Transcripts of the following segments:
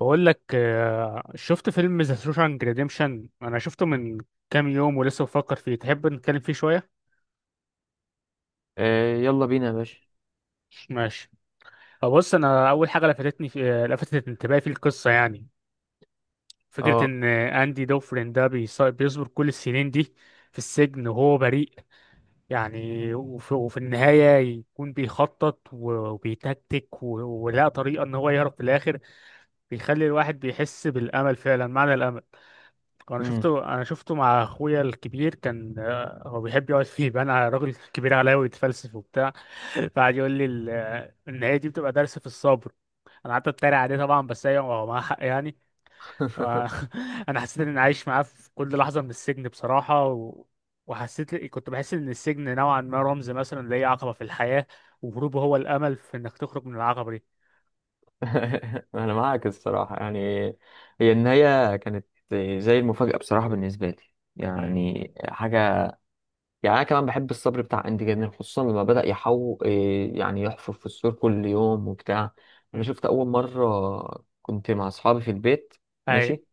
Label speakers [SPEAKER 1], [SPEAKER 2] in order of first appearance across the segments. [SPEAKER 1] بقول لك شفت فيلم ذا شوشانك ريديمشن. انا شفته من كام يوم ولسه بفكر فيه. تحب نتكلم فيه شويه؟
[SPEAKER 2] يلا بينا يا باشا.
[SPEAKER 1] ماشي. بص، انا اول حاجه لفتتني في لفتت انتباهي في القصه يعني فكره
[SPEAKER 2] اه.
[SPEAKER 1] ان اندي دوفرين ده بيصبر كل السنين دي في السجن وهو بريء. يعني وفي النهايه يكون بيخطط و- وبيتكتك و- ولقى طريقه ان هو يهرب في الاخر. بيخلي الواحد بيحس بالامل، فعلا معنى الامل. انا
[SPEAKER 2] مم.
[SPEAKER 1] شفته، انا شفته مع اخويا الكبير، كان هو بيحب يقعد فيه بقى انا راجل كبير عليا ويتفلسف وبتاع. فقعد يقول لي ان هي دي بتبقى درس في الصبر. انا قعدت اتريق عليه طبعا، بس هي هو معاه حق يعني. آه، انا حسيت اني عايش معاه في كل لحظه من السجن بصراحه وحسيت، كنت بحس ان السجن نوعا ما رمز مثلا لاي عقبه في الحياه، وهروبه هو الامل في انك تخرج من العقبه دي.
[SPEAKER 2] انا معاك الصراحه، يعني هي النهايه كانت زي المفاجاه بصراحه بالنسبه لي،
[SPEAKER 1] امم.
[SPEAKER 2] يعني حاجه، يعني انا كمان بحب الصبر بتاع اندي جدا، خصوصا لما بدا يحو إيه، يعني يحفر في السور كل يوم وبتاع. انا
[SPEAKER 1] امم.
[SPEAKER 2] شفت اول مره كنت مع اصحابي في البيت.
[SPEAKER 1] اي.
[SPEAKER 2] ماشي.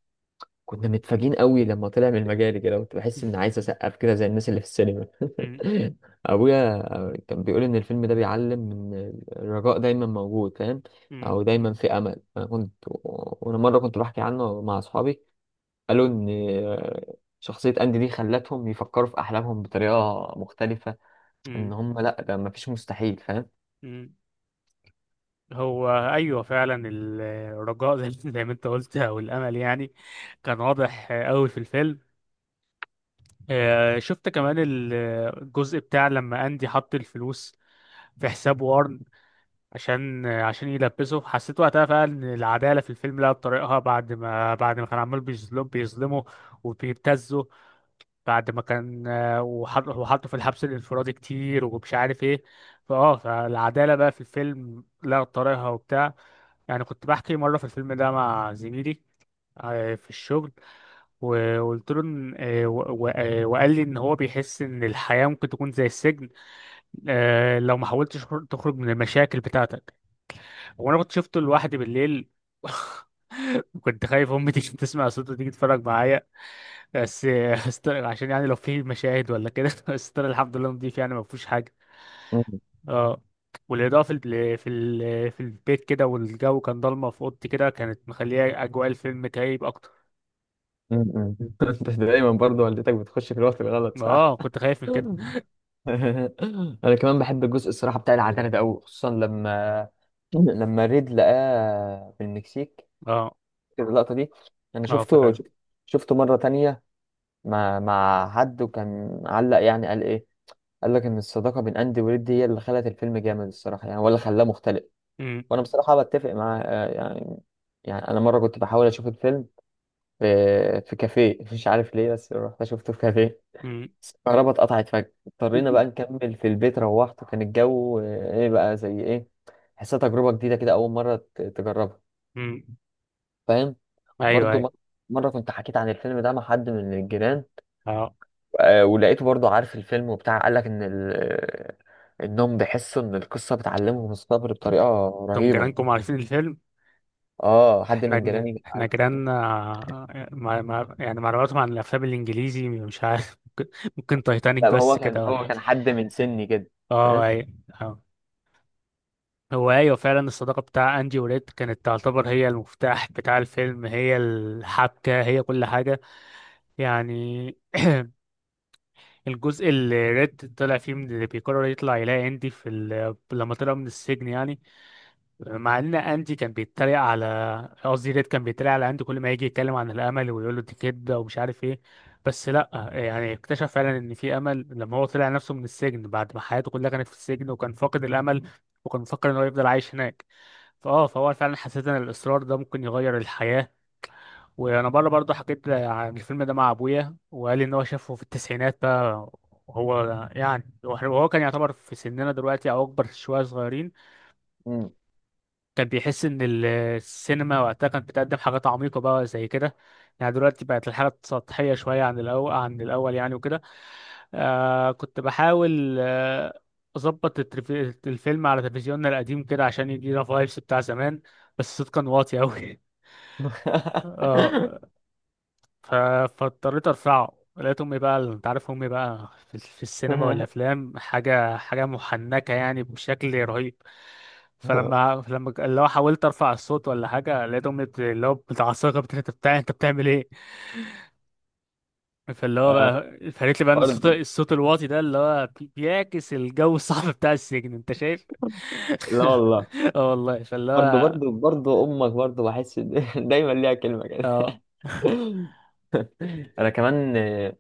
[SPEAKER 2] كنا متفاجئين قوي لما طلع من المجال كده، كنت بحس اني عايز اسقف كده زي الناس اللي في السينما.
[SPEAKER 1] امم.
[SPEAKER 2] ابويا كان بيقول ان الفيلم ده بيعلم ان الرجاء دايما موجود، فاهم،
[SPEAKER 1] امم.
[SPEAKER 2] او دايما في امل. انا كنت وانا مره كنت بحكي عنه مع اصحابي، قالوا ان شخصيه اندي دي خلتهم يفكروا في احلامهم بطريقه مختلفه، ان هم لا، ده مفيش مستحيل، فاهم.
[SPEAKER 1] امم. هو ايوه فعلا الرجاء، زي زي ما انت قلت، او الامل يعني، كان واضح قوي في الفيلم. شفت كمان الجزء بتاع لما اندي حط الفلوس في حساب وارن عشان يلبسه. حسيت وقتها فعلا ان العداله في الفيلم لقت طريقها بعد ما كان عمال بيظلمه وبيبتزه، بعد ما كان وحطه في الحبس الانفرادي كتير ومش عارف ايه، فالعداله بقى في الفيلم لقت طريقها وبتاع. يعني كنت بحكي مرة في الفيلم ده مع زميلي في الشغل، وقلت له إن وقال لي إن هو بيحس إن الحياة ممكن تكون زي السجن لو ما حاولتش تخرج من المشاكل بتاعتك. وأنا كنت شفته لوحدي بالليل. كنت خايف امي تيجي تسمع صوته تيجي تتفرج معايا. بس عشان يعني لو في مشاهد ولا كده، بس استر، الحمد لله، نضيف يعني، ما فيهوش حاجه.
[SPEAKER 2] م-
[SPEAKER 1] اه. والإضاءة في البيت كده والجو كان ضلمة في أوضتي كده، كانت مخلية أجواء الفيلم كئيب أكتر.
[SPEAKER 2] م- م. انت دايما برضه والدتك بتخش في الوقت الغلط، صح؟
[SPEAKER 1] اه، كنت خايف من كده.
[SPEAKER 2] انا كمان بحب الجزء الصراحه بتاع العتاله ده قوي، خصوصا لما لما ريد لقاه في المكسيك.
[SPEAKER 1] اه،
[SPEAKER 2] فاكر اللقطه دي؟ انا
[SPEAKER 1] اه،
[SPEAKER 2] شفته
[SPEAKER 1] فاكر.
[SPEAKER 2] شفته مره تانية مع حد، وكان علق يعني، قال لك ان الصداقه بين اندي وريد هي اللي خلت الفيلم جامد الصراحه، يعني ولا خلاه مختلف.
[SPEAKER 1] أمم.
[SPEAKER 2] وانا بصراحه بتفق معاه، يعني. يعني انا مره كنت بحاول اشوف الفيلم في في كافيه، مش عارف ليه، بس رحت شفته في كافيه.
[SPEAKER 1] أمم.
[SPEAKER 2] الكهرباء اتقطعت فجأة، اضطرينا بقى نكمل في البيت. روحت وكان الجو ايه بقى زي ايه، حسيت تجربة جديدة كده، أول مرة تجربها،
[SPEAKER 1] أمم.
[SPEAKER 2] فاهم؟
[SPEAKER 1] أيوه،
[SPEAKER 2] برضو
[SPEAKER 1] أيوه.
[SPEAKER 2] مرة كنت حكيت عن الفيلم ده مع حد من الجيران،
[SPEAKER 1] اه.
[SPEAKER 2] ولقيته برضو عارف الفيلم وبتاع، قال لك إن إنهم بيحسوا إن القصة بتعلمهم الصبر بطريقة
[SPEAKER 1] كم
[SPEAKER 2] رهيبة.
[SPEAKER 1] جيرانكم عارفين الفيلم؟
[SPEAKER 2] اه، حد
[SPEAKER 1] احنا
[SPEAKER 2] من
[SPEAKER 1] جن-
[SPEAKER 2] جيراني
[SPEAKER 1] احنا جيراننا، مع يعني معلوماتهم عن الأفلام الإنجليزي مش عارف. ممكن تايتانيك
[SPEAKER 2] لا، ما هو
[SPEAKER 1] بس
[SPEAKER 2] كان
[SPEAKER 1] كده، ولا
[SPEAKER 2] هو
[SPEAKER 1] حاجة.
[SPEAKER 2] كان حد من سني كده،
[SPEAKER 1] اه،
[SPEAKER 2] فاهم.
[SPEAKER 1] أيوه. آه. هو ايوه فعلا الصداقه بتاع اندي وريد كانت تعتبر هي المفتاح بتاع الفيلم، هي الحبكه، هي كل حاجه يعني. الجزء اللي ريد طلع فيه من اللي بيقرر يطلع يلاقي اندي لما طلع من السجن يعني، مع ان اندي كان بيتريق على، قصدي ريد كان بيتريق على اندي كل ما يجي يتكلم عن الامل، ويقول له دي كده ومش عارف ايه، بس لا يعني اكتشف فعلا ان في امل لما هو طلع نفسه من السجن، بعد ما حياته كلها كانت في السجن وكان فاقد الامل وكان مفكر ان هو يفضل عايش هناك. فهو فعلا، حسيت ان الاصرار ده ممكن يغير الحياه. وانا بره برضه حكيت عن الفيلم ده مع ابويا، وقال لي ان هو شافه في التسعينات بقى. هو يعني وهو كان يعتبر في سننا دلوقتي او اكبر شويه، صغيرين،
[SPEAKER 2] مم.
[SPEAKER 1] كان بيحس ان السينما وقتها كانت بتقدم حاجات عميقه بقى زي كده، يعني دلوقتي بقت الحاجات سطحيه شويه عن الاول، عن الاول يعني وكده. كنت بحاول اظبط الفيلم على تلفزيوننا القديم كده عشان يدينا فايبس بتاع زمان، بس الصوت كان واطي قوي. اه، ف- فاضطريت ارفعه، لقيت امي بقى، انت عارف امي بقى في, السينما والافلام حاجه، حاجه محنكه يعني بشكل رهيب. فلما اللي هو حاولت ارفع الصوت ولا حاجه، لقيت امي اللي هو متعصبه انت بتاع انت بتعمل ايه. فاللي هو
[SPEAKER 2] آه،
[SPEAKER 1] بقى، فقالت لي بقى ان الصوت
[SPEAKER 2] برضو.
[SPEAKER 1] الصوت الواطي ده اللي هو بيعكس الجو الصعب بتاع السجن، انت شايف.
[SPEAKER 2] لا والله،
[SPEAKER 1] اه والله، فاللي
[SPEAKER 2] برضه
[SPEAKER 1] هو.
[SPEAKER 2] برضه برضه امك، برضه بحس دايما ليها كلمه كده.
[SPEAKER 1] اه
[SPEAKER 2] انا كمان،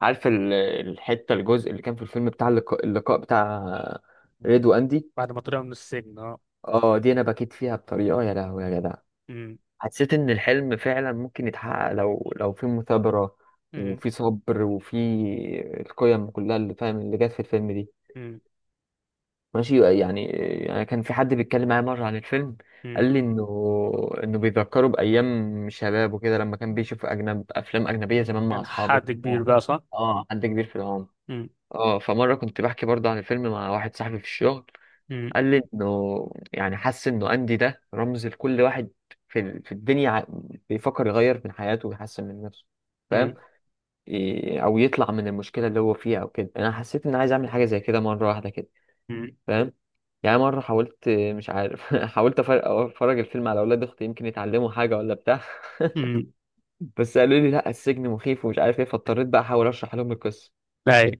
[SPEAKER 2] عارف ال- الحته الجزء اللي كان في الفيلم بتاع اللقاء بتاع ريد واندي.
[SPEAKER 1] بعد ما طلعوا من السجن. اه.
[SPEAKER 2] اه، دي انا بكيت فيها بطريقه، يا لهوي يا جدع.
[SPEAKER 1] أمم.
[SPEAKER 2] حسيت ان الحلم فعلا ممكن يتحقق لو في مثابره،
[SPEAKER 1] أمم.
[SPEAKER 2] وفي صبر، وفي القيم كلها اللي فاهم اللي جت في الفيلم دي،
[SPEAKER 1] أمم.
[SPEAKER 2] ماشي يعني. يعني كان في حد بيتكلم معايا مرة عن الفيلم، قال لي انه بيذكره بايام شبابه كده، لما كان
[SPEAKER 1] أمم.
[SPEAKER 2] بيشوف اجنب افلام اجنبية زمان مع
[SPEAKER 1] كان
[SPEAKER 2] اصحابه.
[SPEAKER 1] حد كبير
[SPEAKER 2] اه.
[SPEAKER 1] بقى، صح؟
[SPEAKER 2] حد كبير في العمر.
[SPEAKER 1] مم.
[SPEAKER 2] اه، فمرة كنت بحكي برضه عن الفيلم مع واحد صاحبي في الشغل،
[SPEAKER 1] مم.
[SPEAKER 2] قال لي انه يعني حس انه اندي ده رمز لكل واحد في في الدنيا بيفكر يغير من حياته ويحسن من نفسه، فاهم.
[SPEAKER 1] مم.
[SPEAKER 2] او يطلع من المشكلة اللي هو فيها او كده. انا حسيت اني عايز اعمل حاجة زي كده مرة واحدة كده،
[SPEAKER 1] مم.
[SPEAKER 2] فاهم. يعني مرة حاولت، مش عارف، حاولت افرج الفيلم على اولاد اختي يمكن يتعلموا حاجة ولا بتاع.
[SPEAKER 1] مم.
[SPEAKER 2] بس قالوا لي لا، السجن مخيف، ومش عارف ايه، فاضطريت بقى احاول اشرح لهم القصة.
[SPEAKER 1] أي.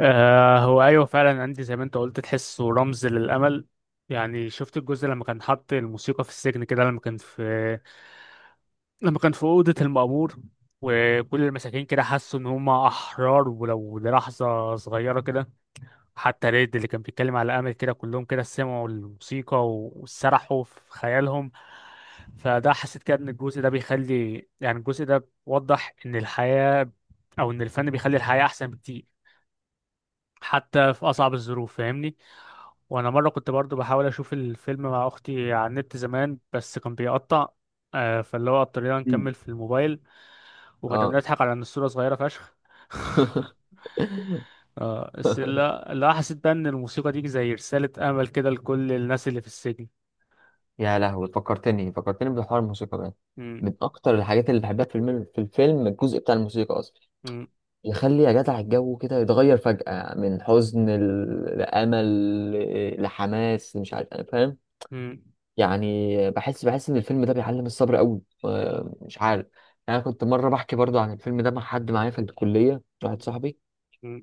[SPEAKER 1] هو أيوه فعلا عندي زي ما أنت قلت تحسه رمز للأمل. يعني شفت الجزء لما كان حاط الموسيقى في السجن كده، لما كان في أوضة المأمور، وكل المساكين كده حسوا إن هم أحرار ولو للحظة صغيرة كده. حتى ريد اللي كان بيتكلم على امل كده، كلهم كده سمعوا الموسيقى و- وسرحوا في خيالهم. فده حسيت كده ان الجزء ده بيخلي يعني الجزء ده بيوضح ان الحياة او ان الفن بيخلي الحياة احسن بكتير، حتى في اصعب الظروف، فاهمني. وانا مره كنت برضو بحاول اشوف الفيلم مع اختي على النت زمان، بس كان بيقطع. فاللي هو اضطرينا
[SPEAKER 2] مم.
[SPEAKER 1] نكمل في الموبايل. وكنا
[SPEAKER 2] اه.
[SPEAKER 1] بنضحك على ان الصوره صغيره فشخ. اه، بس لا، لا، حسيت بقى ان الموسيقى دي زي رسالة امل كده لكل الناس اللي في السجن.
[SPEAKER 2] يا لهوي، فكرتني، فكرتني بحوار الموسيقى ده.
[SPEAKER 1] م-.
[SPEAKER 2] من اكتر الحاجات اللي بحبها في الفيلم، في الفيلم الجزء بتاع الموسيقى اصلا،
[SPEAKER 1] م-.
[SPEAKER 2] يخلي يا جدع الجو كده يتغير فجأة من حزن لأمل، لحماس، مش عارف، انا فاهم.
[SPEAKER 1] م-.
[SPEAKER 2] يعني بحس، بحس ان الفيلم ده بيعلم الصبر قوي، مش عارف. يعني انا كنت مره بحكي برضو عن الفيلم ده مع حد معايا في الكليه، واحد صاحبي،
[SPEAKER 1] م-.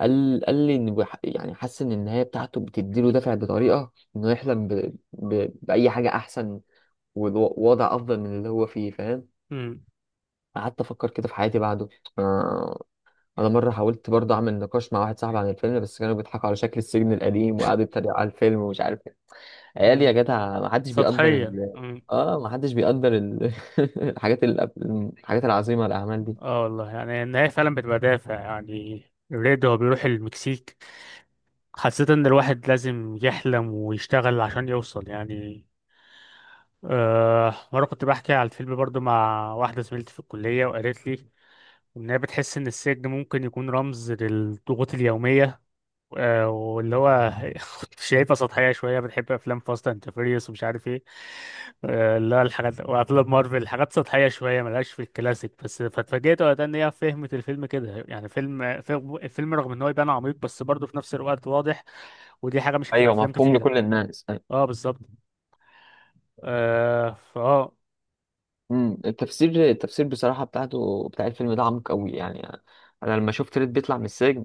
[SPEAKER 2] قال لي ان يعني حاسس ان النهايه بتاعته بتديله دافع بطريقه انه يحلم باي حاجه احسن، ووضع افضل من اللي هو فيه، فاهم.
[SPEAKER 1] م-.
[SPEAKER 2] قعدت افكر كده في حياتي بعده. آه، انا مره حاولت برضه اعمل نقاش مع واحد صاحبي عن الفيلم، بس كانوا بيضحكوا على شكل السجن القديم، وقعدوا يتريقوا على الفيلم، ومش عارف، عيال
[SPEAKER 1] م-.
[SPEAKER 2] يا جدع، ما حدش بيقدر
[SPEAKER 1] سطحية.
[SPEAKER 2] ال...
[SPEAKER 1] م.
[SPEAKER 2] اه، ما حدش بيقدر ال... الحاجات ال... الحاجات العظيمة، الأعمال دي.
[SPEAKER 1] اه والله، يعني النهاية فعلا بتبقى دافع يعني. ريد هو بيروح المكسيك. حسيت ان الواحد لازم يحلم ويشتغل عشان يوصل يعني. مرة كنت بحكي على الفيلم برضو مع واحدة زميلتي في الكلية، وقالت لي إن هي بتحس إن السجن ممكن يكون رمز للضغوط اليومية. واللي هو شايفها سطحية شوية، بتحب أفلام فاست أند فيريوس ومش عارف إيه. اللي هو الحاجات وأفلام مارفل، حاجات سطحية شوية ملهاش في الكلاسيك. بس فاتفاجئت وقتها إن هي فهمت الفيلم كده، يعني الفيلم رغم إن هو يبان عميق، بس برضه في نفس الوقت واضح، ودي حاجة مش في
[SPEAKER 2] ايوه،
[SPEAKER 1] أفلام
[SPEAKER 2] مفهوم
[SPEAKER 1] كتيرة.
[SPEAKER 2] لكل الناس، أيوة.
[SPEAKER 1] أه بالظبط. أه.
[SPEAKER 2] التفسير بصراحة بتاعته بتاع الفيلم ده عميق قوي يعني. انا لما شفت ريد بيطلع من السجن،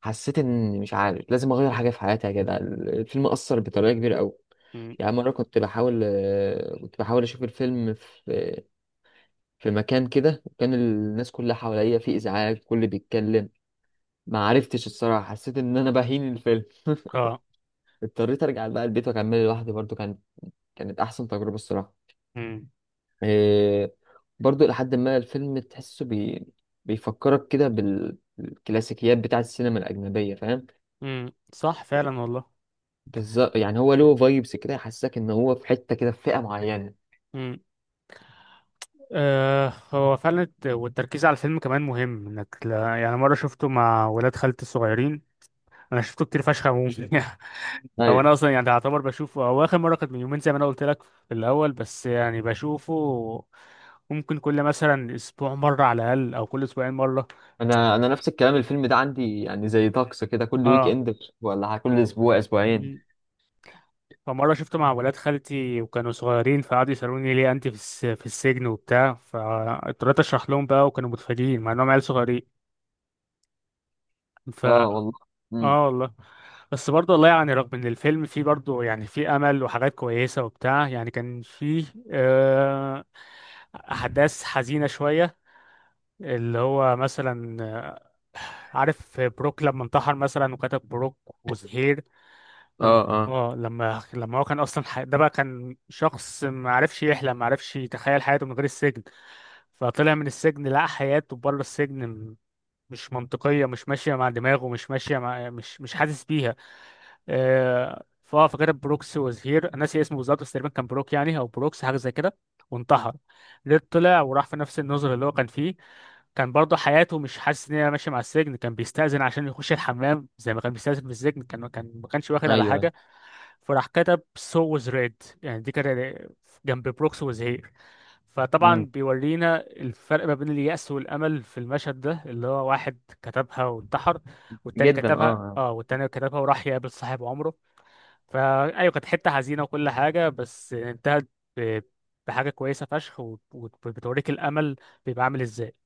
[SPEAKER 2] حسيت ان مش عارف، لازم اغير حاجة في حياتي. يا جدع الفيلم أثر بطريقة كبيرة قوي.
[SPEAKER 1] مم.
[SPEAKER 2] يعني مرة كنت بحاول، كنت بحاول أشوف الفيلم في في مكان كده، وكان الناس كلها حواليا في إزعاج، كل بيتكلم، ما عرفتش الصراحة، حسيت ان انا بهين الفيلم.
[SPEAKER 1] أه.
[SPEAKER 2] اضطريت ارجع بقى البيت واكمله لوحدي، برضو كان، كانت احسن تجربة الصراحة.
[SPEAKER 1] مم.
[SPEAKER 2] إيه. برضو لحد ما الفيلم تحسه بيفكرك كده بالكلاسيكيات بتاعة السينما الأجنبية، فاهم.
[SPEAKER 1] مم. صح فعلا والله.
[SPEAKER 2] بالظبط، يعني هو له فايبس كده يحسسك ان هو في حتة كده، في فئة معينة.
[SPEAKER 1] مم. هو فعلا والتركيز على الفيلم كمان مهم، انك يعني مره شفته مع ولاد خالتي الصغيرين. انا شفته كتير فشخ عموما. هو
[SPEAKER 2] ايوه.
[SPEAKER 1] انا اصلا يعني اعتبر بشوفه، هو اخر مره كانت من يومين زي ما انا قلت لك في الاول، بس يعني بشوفه ممكن كل مثلا اسبوع مره على الاقل، او كل اسبوعين مره.
[SPEAKER 2] انا نفس الكلام، الفيلم ده عندي يعني زي طقس كده كل ويك
[SPEAKER 1] اه.
[SPEAKER 2] اند، ولا كل اسبوع اسبوعين.
[SPEAKER 1] مم. فمره شفته مع ولاد خالتي وكانوا صغيرين، فقعدوا يسالوني ليه انت في السجن وبتاع، فاضطريت اشرح لهم بقى، وكانوا متفاجئين مع انهم عيال صغيرين. ف
[SPEAKER 2] اه والله. امم
[SPEAKER 1] اه والله. بس برضه والله يعني رغم ان الفيلم فيه برضه يعني فيه امل وحاجات كويسه وبتاع، يعني كان فيه آه، احداث حزينه شويه. اللي هو مثلا عارف بروك لما انتحر مثلا، وكتب بروك وزهير.
[SPEAKER 2] اه.
[SPEAKER 1] لما
[SPEAKER 2] اه.
[SPEAKER 1] اه لما لما هو كان اصلا ده بقى كان شخص ما عرفش يحلم، ما عرفش يتخيل حياته من غير السجن. فطلع من السجن لقى حياته بره السجن مش منطقيه، مش ماشيه مع دماغه، مش ماشيه مع مش حاسس بيها. آه، فاه فاكر بروكس واز هير. انا ناسي اسمه بالظبط، بس تقريبا كان بروك يعني او بروكس، حاجه زي كده. وانتحر. ريد طلع، وراح في نفس النظر اللي هو كان فيه. كان برضه حياته مش حاسس ان هي ماشيه مع السجن، كان بيستأذن عشان يخش الحمام زي ما كان بيستأذن في السجن، كان ما كانش واخد على
[SPEAKER 2] ايوه.
[SPEAKER 1] حاجه. فراح كتب سو was ريد، يعني دي كانت جنب بروكس was here. فطبعا
[SPEAKER 2] امم
[SPEAKER 1] بيورينا الفرق ما بين اليأس والأمل في المشهد ده، اللي هو واحد كتبها وانتحر، والتاني
[SPEAKER 2] جدا. اه.
[SPEAKER 1] كتبها اه
[SPEAKER 2] آه.
[SPEAKER 1] والتاني كتبها وراح يقابل صاحب عمره. فايوه كانت حته حزينه وكل حاجه، بس انتهت ب- بحاجه كويسه فشخ، وبتوريك الامل بيبقى عامل ازاي.